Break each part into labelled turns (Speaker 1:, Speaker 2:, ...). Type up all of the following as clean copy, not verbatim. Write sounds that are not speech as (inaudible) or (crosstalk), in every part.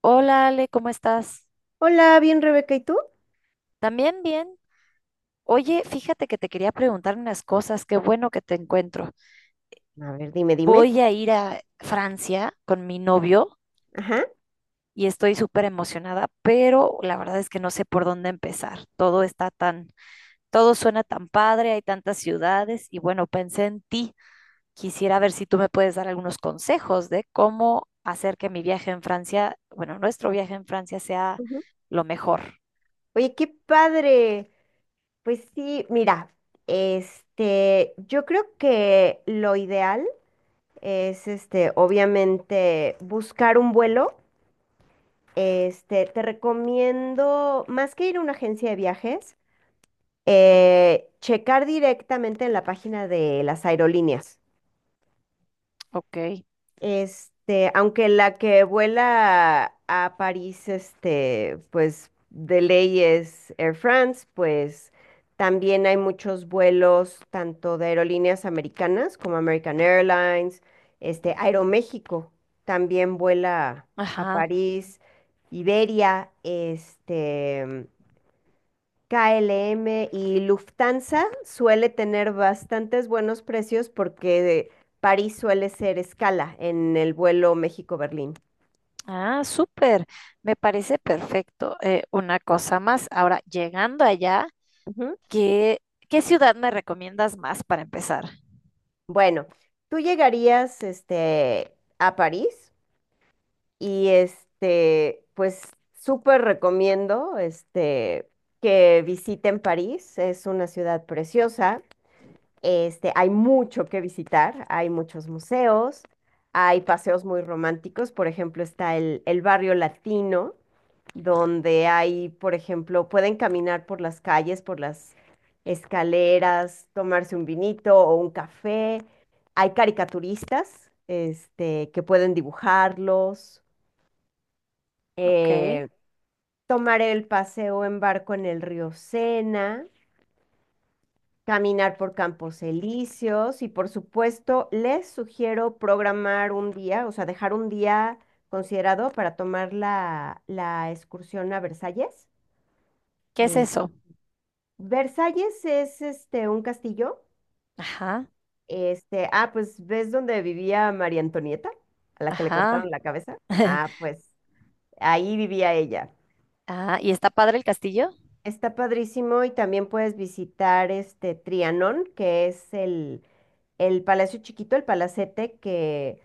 Speaker 1: Hola Ale, ¿cómo estás?
Speaker 2: Hola, bien Rebeca, ¿y tú?
Speaker 1: ¿También bien? Oye, fíjate que te quería preguntar unas cosas, qué bueno que te encuentro.
Speaker 2: A ver, dime.
Speaker 1: Voy a ir a Francia con mi novio
Speaker 2: Ajá.
Speaker 1: y estoy súper emocionada, pero la verdad es que no sé por dónde empezar. Todo suena tan padre, hay tantas ciudades y bueno, pensé en ti. Quisiera ver si tú me puedes dar algunos consejos de cómo hacer que mi viaje en Francia, bueno, nuestro viaje en Francia sea
Speaker 2: Ujú.
Speaker 1: lo mejor.
Speaker 2: Oye, qué padre. Pues sí, mira, yo creo que lo ideal es, obviamente, buscar un vuelo. Te recomiendo, más que ir a una agencia de viajes, checar directamente en la página de las aerolíneas.
Speaker 1: Ok.
Speaker 2: Este, aunque la que vuela a París, pues de ley es Air France, pues también hay muchos vuelos tanto de aerolíneas americanas como American Airlines, Aeroméxico también vuela a
Speaker 1: Ajá.
Speaker 2: París, Iberia, KLM y Lufthansa suele tener bastantes buenos precios porque París suele ser escala en el vuelo México-Berlín.
Speaker 1: Ah, súper. Me parece perfecto. Una cosa más. Ahora, llegando allá,
Speaker 2: Ujú.
Speaker 1: ¿qué, ¿qué ciudad me recomiendas más para empezar?
Speaker 2: Bueno, tú llegarías a París y pues súper recomiendo que visiten París, es una ciudad preciosa. Este, hay mucho que visitar, hay muchos museos, hay paseos muy románticos, por ejemplo, está el barrio latino, donde hay, por ejemplo, pueden caminar por las calles, por las escaleras, tomarse un vinito o un café. Hay caricaturistas, que pueden dibujarlos,
Speaker 1: Ok.
Speaker 2: eh, tomar el paseo en barco en el río Sena. Caminar por campos elíseos y por supuesto les sugiero programar un día, o sea, dejar un día considerado para tomar la excursión a Versalles.
Speaker 1: ¿Qué es
Speaker 2: Es-
Speaker 1: eso?
Speaker 2: Versalles es este un castillo.
Speaker 1: Ajá,
Speaker 2: Pues ¿ves dónde vivía María Antonieta? A la que le
Speaker 1: ajá.
Speaker 2: cortaron la cabeza. Ah,
Speaker 1: (laughs)
Speaker 2: pues ahí vivía ella.
Speaker 1: Ah, ¿y está padre el castillo?
Speaker 2: Está padrísimo y también puedes visitar este Trianón, que es el palacio chiquito, el palacete que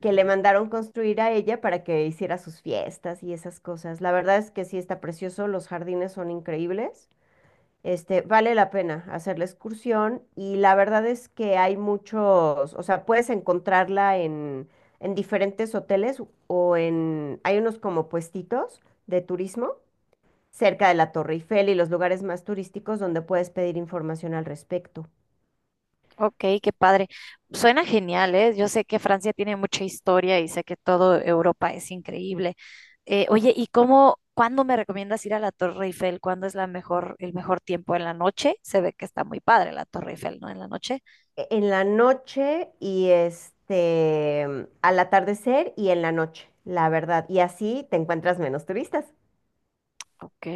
Speaker 2: que le mandaron construir a ella para que hiciera sus fiestas y esas cosas. La verdad es que sí está precioso, los jardines son increíbles. Este, vale la pena hacer la excursión y la verdad es que hay muchos, o sea, puedes encontrarla en diferentes hoteles o en, hay unos como puestitos de turismo cerca de la Torre Eiffel y los lugares más turísticos donde puedes pedir información al respecto.
Speaker 1: Ok, qué padre. Suena genial, ¿eh? Yo sé que Francia tiene mucha historia y sé que todo Europa es increíble. Oye, ¿y cómo, cuándo me recomiendas ir a la Torre Eiffel? ¿Cuándo es la mejor, el mejor tiempo en la noche? Se ve que está muy padre la Torre Eiffel, ¿no? En la noche.
Speaker 2: En la noche y al atardecer y en la noche, la verdad. Y así te encuentras menos turistas.
Speaker 1: Ok.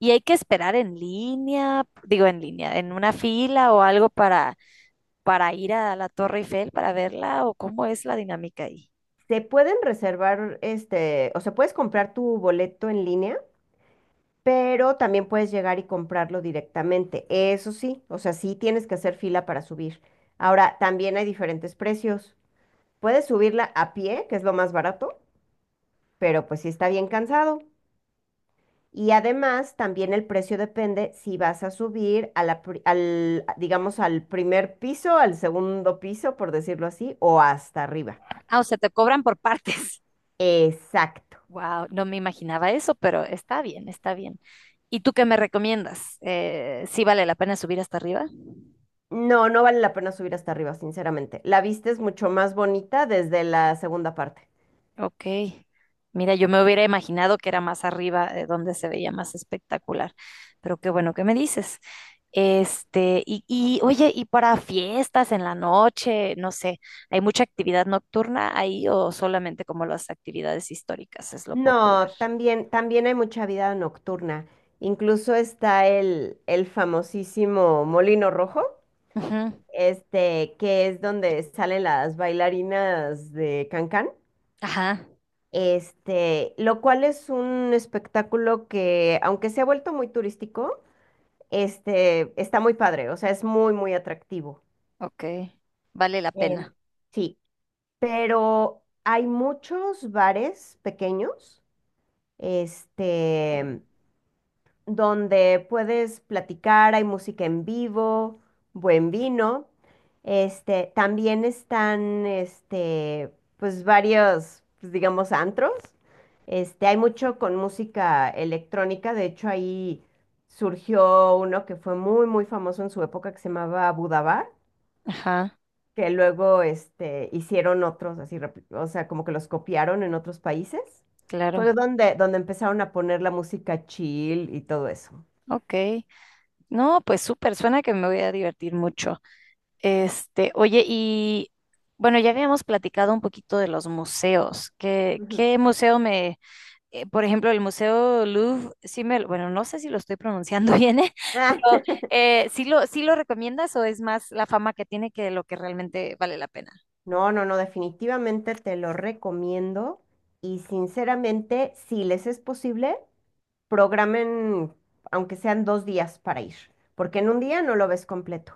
Speaker 1: ¿Y hay que esperar en línea, digo en línea, en una fila o algo para ir a la Torre Eiffel, para verla? ¿O cómo es la dinámica ahí?
Speaker 2: Se pueden reservar, o sea, puedes comprar tu boleto en línea, pero también puedes llegar y comprarlo directamente. Eso sí, o sea, sí tienes que hacer fila para subir. Ahora, también hay diferentes precios. Puedes subirla a pie, que es lo más barato, pero pues sí está bien cansado. Y además, también el precio depende si vas a subir a la, al, digamos, al primer piso, al segundo piso, por decirlo así, o hasta arriba.
Speaker 1: Ah, o sea, te cobran por (laughs) partes.
Speaker 2: Exacto.
Speaker 1: Wow, no me imaginaba eso, pero está bien, está bien. ¿Y tú qué me recomiendas? ¿Sí vale la pena subir hasta arriba?
Speaker 2: No, no vale la pena subir hasta arriba, sinceramente. La vista es mucho más bonita desde la segunda parte.
Speaker 1: Ok. Mira, yo me hubiera imaginado que era más arriba, donde se veía más espectacular, pero qué bueno que me dices. Y oye, ¿y para fiestas en la noche? No sé, ¿hay mucha actividad nocturna ahí o solamente como las actividades históricas es lo popular?
Speaker 2: No, también hay mucha vida nocturna. Incluso está el famosísimo Molino Rojo,
Speaker 1: Ujú.
Speaker 2: que es donde salen las bailarinas de Cancán.
Speaker 1: Ajá.
Speaker 2: Este, lo cual es un espectáculo que, aunque se ha vuelto muy turístico, está muy padre, o sea, es muy atractivo.
Speaker 1: Ok, vale la
Speaker 2: Em,
Speaker 1: pena.
Speaker 2: sí, pero hay muchos bares pequeños, este, donde puedes platicar, hay música en vivo, buen vino. Este, también están, pues varios, pues, digamos, antros. Este, hay mucho con música electrónica, de hecho ahí surgió uno que fue muy famoso en su época que se llamaba Budabar,
Speaker 1: Ajá,
Speaker 2: que luego, hicieron otros así, o sea, como que los copiaron en otros países. Fue
Speaker 1: claro.
Speaker 2: donde empezaron a poner la música chill y todo eso.
Speaker 1: Ok, no, pues súper, suena que me voy a divertir mucho. Oye, y bueno, ya habíamos platicado un poquito de los museos. ¿Qué,
Speaker 2: Ujú.
Speaker 1: qué museo me, eh, Por ejemplo, el Museo Louvre, sí me, bueno, no sé si lo estoy pronunciando (laughs) bien, ¿eh?
Speaker 2: Ah,
Speaker 1: Pero
Speaker 2: (laughs)
Speaker 1: ¿ sí lo recomiendas o es más la fama que tiene que lo que realmente vale la pena?
Speaker 2: no, no, no, definitivamente te lo recomiendo y sinceramente, si les es posible, programen, aunque sean 2 días para ir, porque en 1 día no lo ves completo.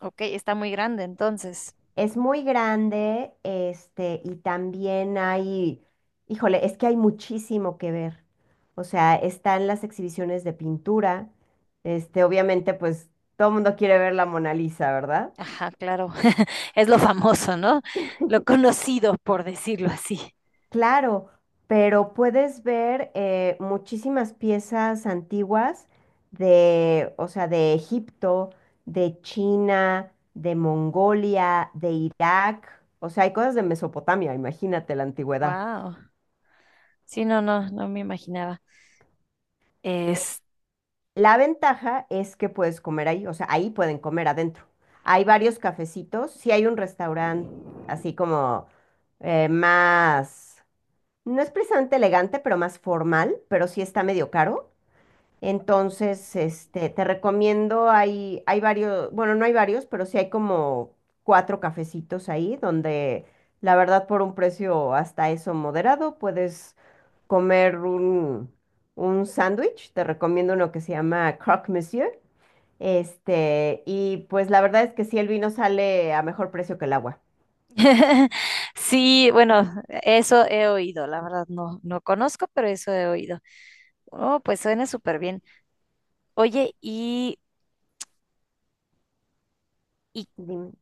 Speaker 1: Ok, está muy grande entonces.
Speaker 2: Es muy grande, y también hay, híjole, es que hay muchísimo que ver. O sea, están las exhibiciones de pintura, obviamente, pues todo el mundo quiere ver la Mona Lisa, ¿verdad?
Speaker 1: Ajá, claro, (laughs) es lo famoso, ¿no? Lo conocido, por decirlo así.
Speaker 2: Claro, pero puedes ver muchísimas piezas antiguas de, o sea, de Egipto, de China, de Mongolia, de Irak, o sea, hay cosas de Mesopotamia, imagínate la antigüedad.
Speaker 1: Wow. Sí, no, no, no me imaginaba. Es...
Speaker 2: La ventaja es que puedes comer ahí, o sea, ahí pueden comer adentro. Hay varios cafecitos, sí hay un restaurante así como más, no es precisamente elegante, pero más formal, pero sí está medio caro. Entonces, te recomiendo, hay varios, bueno, no hay varios, pero sí hay como 4 cafecitos ahí donde la verdad por un precio hasta eso moderado puedes comer un sándwich. Te recomiendo uno que se llama Croque Monsieur. Este, y pues la verdad es que sí, el vino sale a mejor precio que el agua.
Speaker 1: (laughs) Sí, bueno, eso he oído, la verdad no, no conozco, pero eso he oído. Oh, pues suena súper bien. Oye, y
Speaker 2: Dime.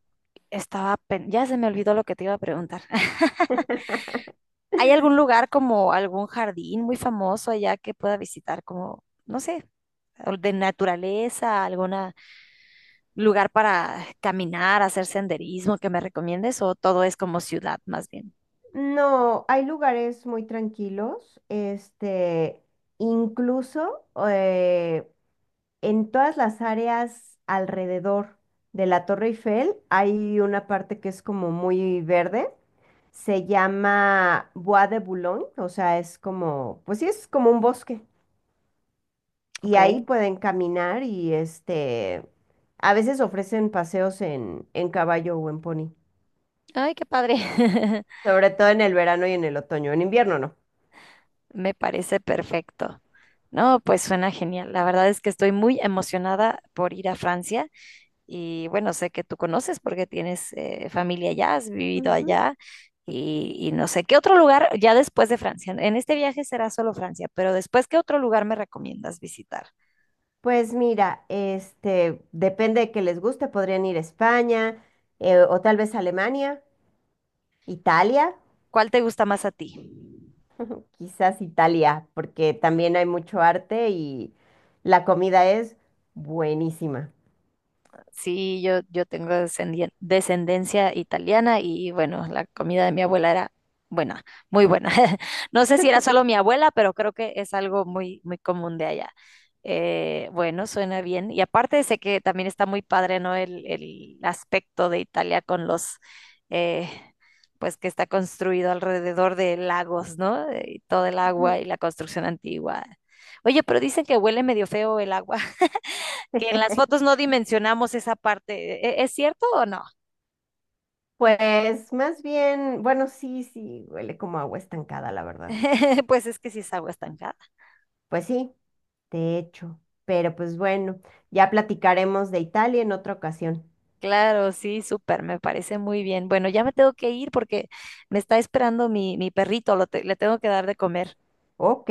Speaker 1: estaba, pen- Ya se me olvidó lo que te iba a preguntar. (laughs)
Speaker 2: (laughs)
Speaker 1: ¿Hay algún lugar como algún jardín muy famoso allá que pueda visitar como, no sé, o de naturaleza, algún lugar para caminar, hacer senderismo que me recomiendes o todo es como ciudad más bien?
Speaker 2: No, hay lugares muy tranquilos, incluso, en todas las áreas alrededor de la Torre Eiffel hay una parte que es como muy verde. Se llama Bois de Boulogne, o sea, es como, pues sí, es como un bosque. Y ahí
Speaker 1: Ok.
Speaker 2: pueden caminar y a veces ofrecen paseos en caballo o en pony,
Speaker 1: Ay, qué padre. (laughs)
Speaker 2: sobre todo en el verano y en el otoño, en invierno no.
Speaker 1: Me parece perfecto. No, pues suena genial. La verdad es que estoy muy emocionada por ir a Francia y bueno, sé que tú conoces porque tienes familia allá, has vivido
Speaker 2: Ujú.
Speaker 1: allá
Speaker 2: Sí.
Speaker 1: y no sé, ¿qué otro lugar ya después de Francia? En este viaje será solo Francia, pero después, ¿qué otro lugar me recomiendas visitar?
Speaker 2: Pues mira, depende de que les guste, podrían ir a España o tal vez a Alemania. Italia,
Speaker 1: ¿Cuál te gusta más a ti?
Speaker 2: quizás Italia, porque también hay mucho arte y la comida es buenísima.
Speaker 1: Sí, yo tengo descendencia italiana y bueno, la comida de mi abuela era buena, muy buena. (laughs) No sé si era solo mi abuela, pero creo que es algo muy, muy común de allá. Bueno, suena bien. Y aparte sé que también está muy padre, ¿no? El aspecto de Italia con eh, pues que está construido alrededor de lagos, ¿no? Y todo el agua
Speaker 2: Ujú.
Speaker 1: y la construcción antigua. Oye, pero dicen que huele medio feo el agua que en las fotos
Speaker 2: (laughs)
Speaker 1: no dimensionamos esa parte. ¿Es cierto o no?
Speaker 2: Pues más bien, bueno, huele como agua estancada, la verdad.
Speaker 1: (laughs) Pues es que sí es agua estancada.
Speaker 2: Pues sí, de hecho. Pero pues bueno, ya platicaremos de Italia en otra ocasión.
Speaker 1: Claro, sí, súper, me parece muy bien. Bueno, ya me tengo que ir porque me está esperando mi perrito, le tengo que dar de comer.
Speaker 2: Ok,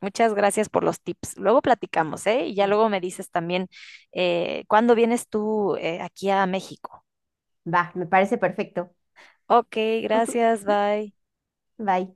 Speaker 1: Muchas gracias por los tips. Luego platicamos, ¿eh? Y ya luego me dices también cuándo vienes tú aquí a México.
Speaker 2: va, me parece perfecto.
Speaker 1: Ok, gracias, bye.
Speaker 2: Bye.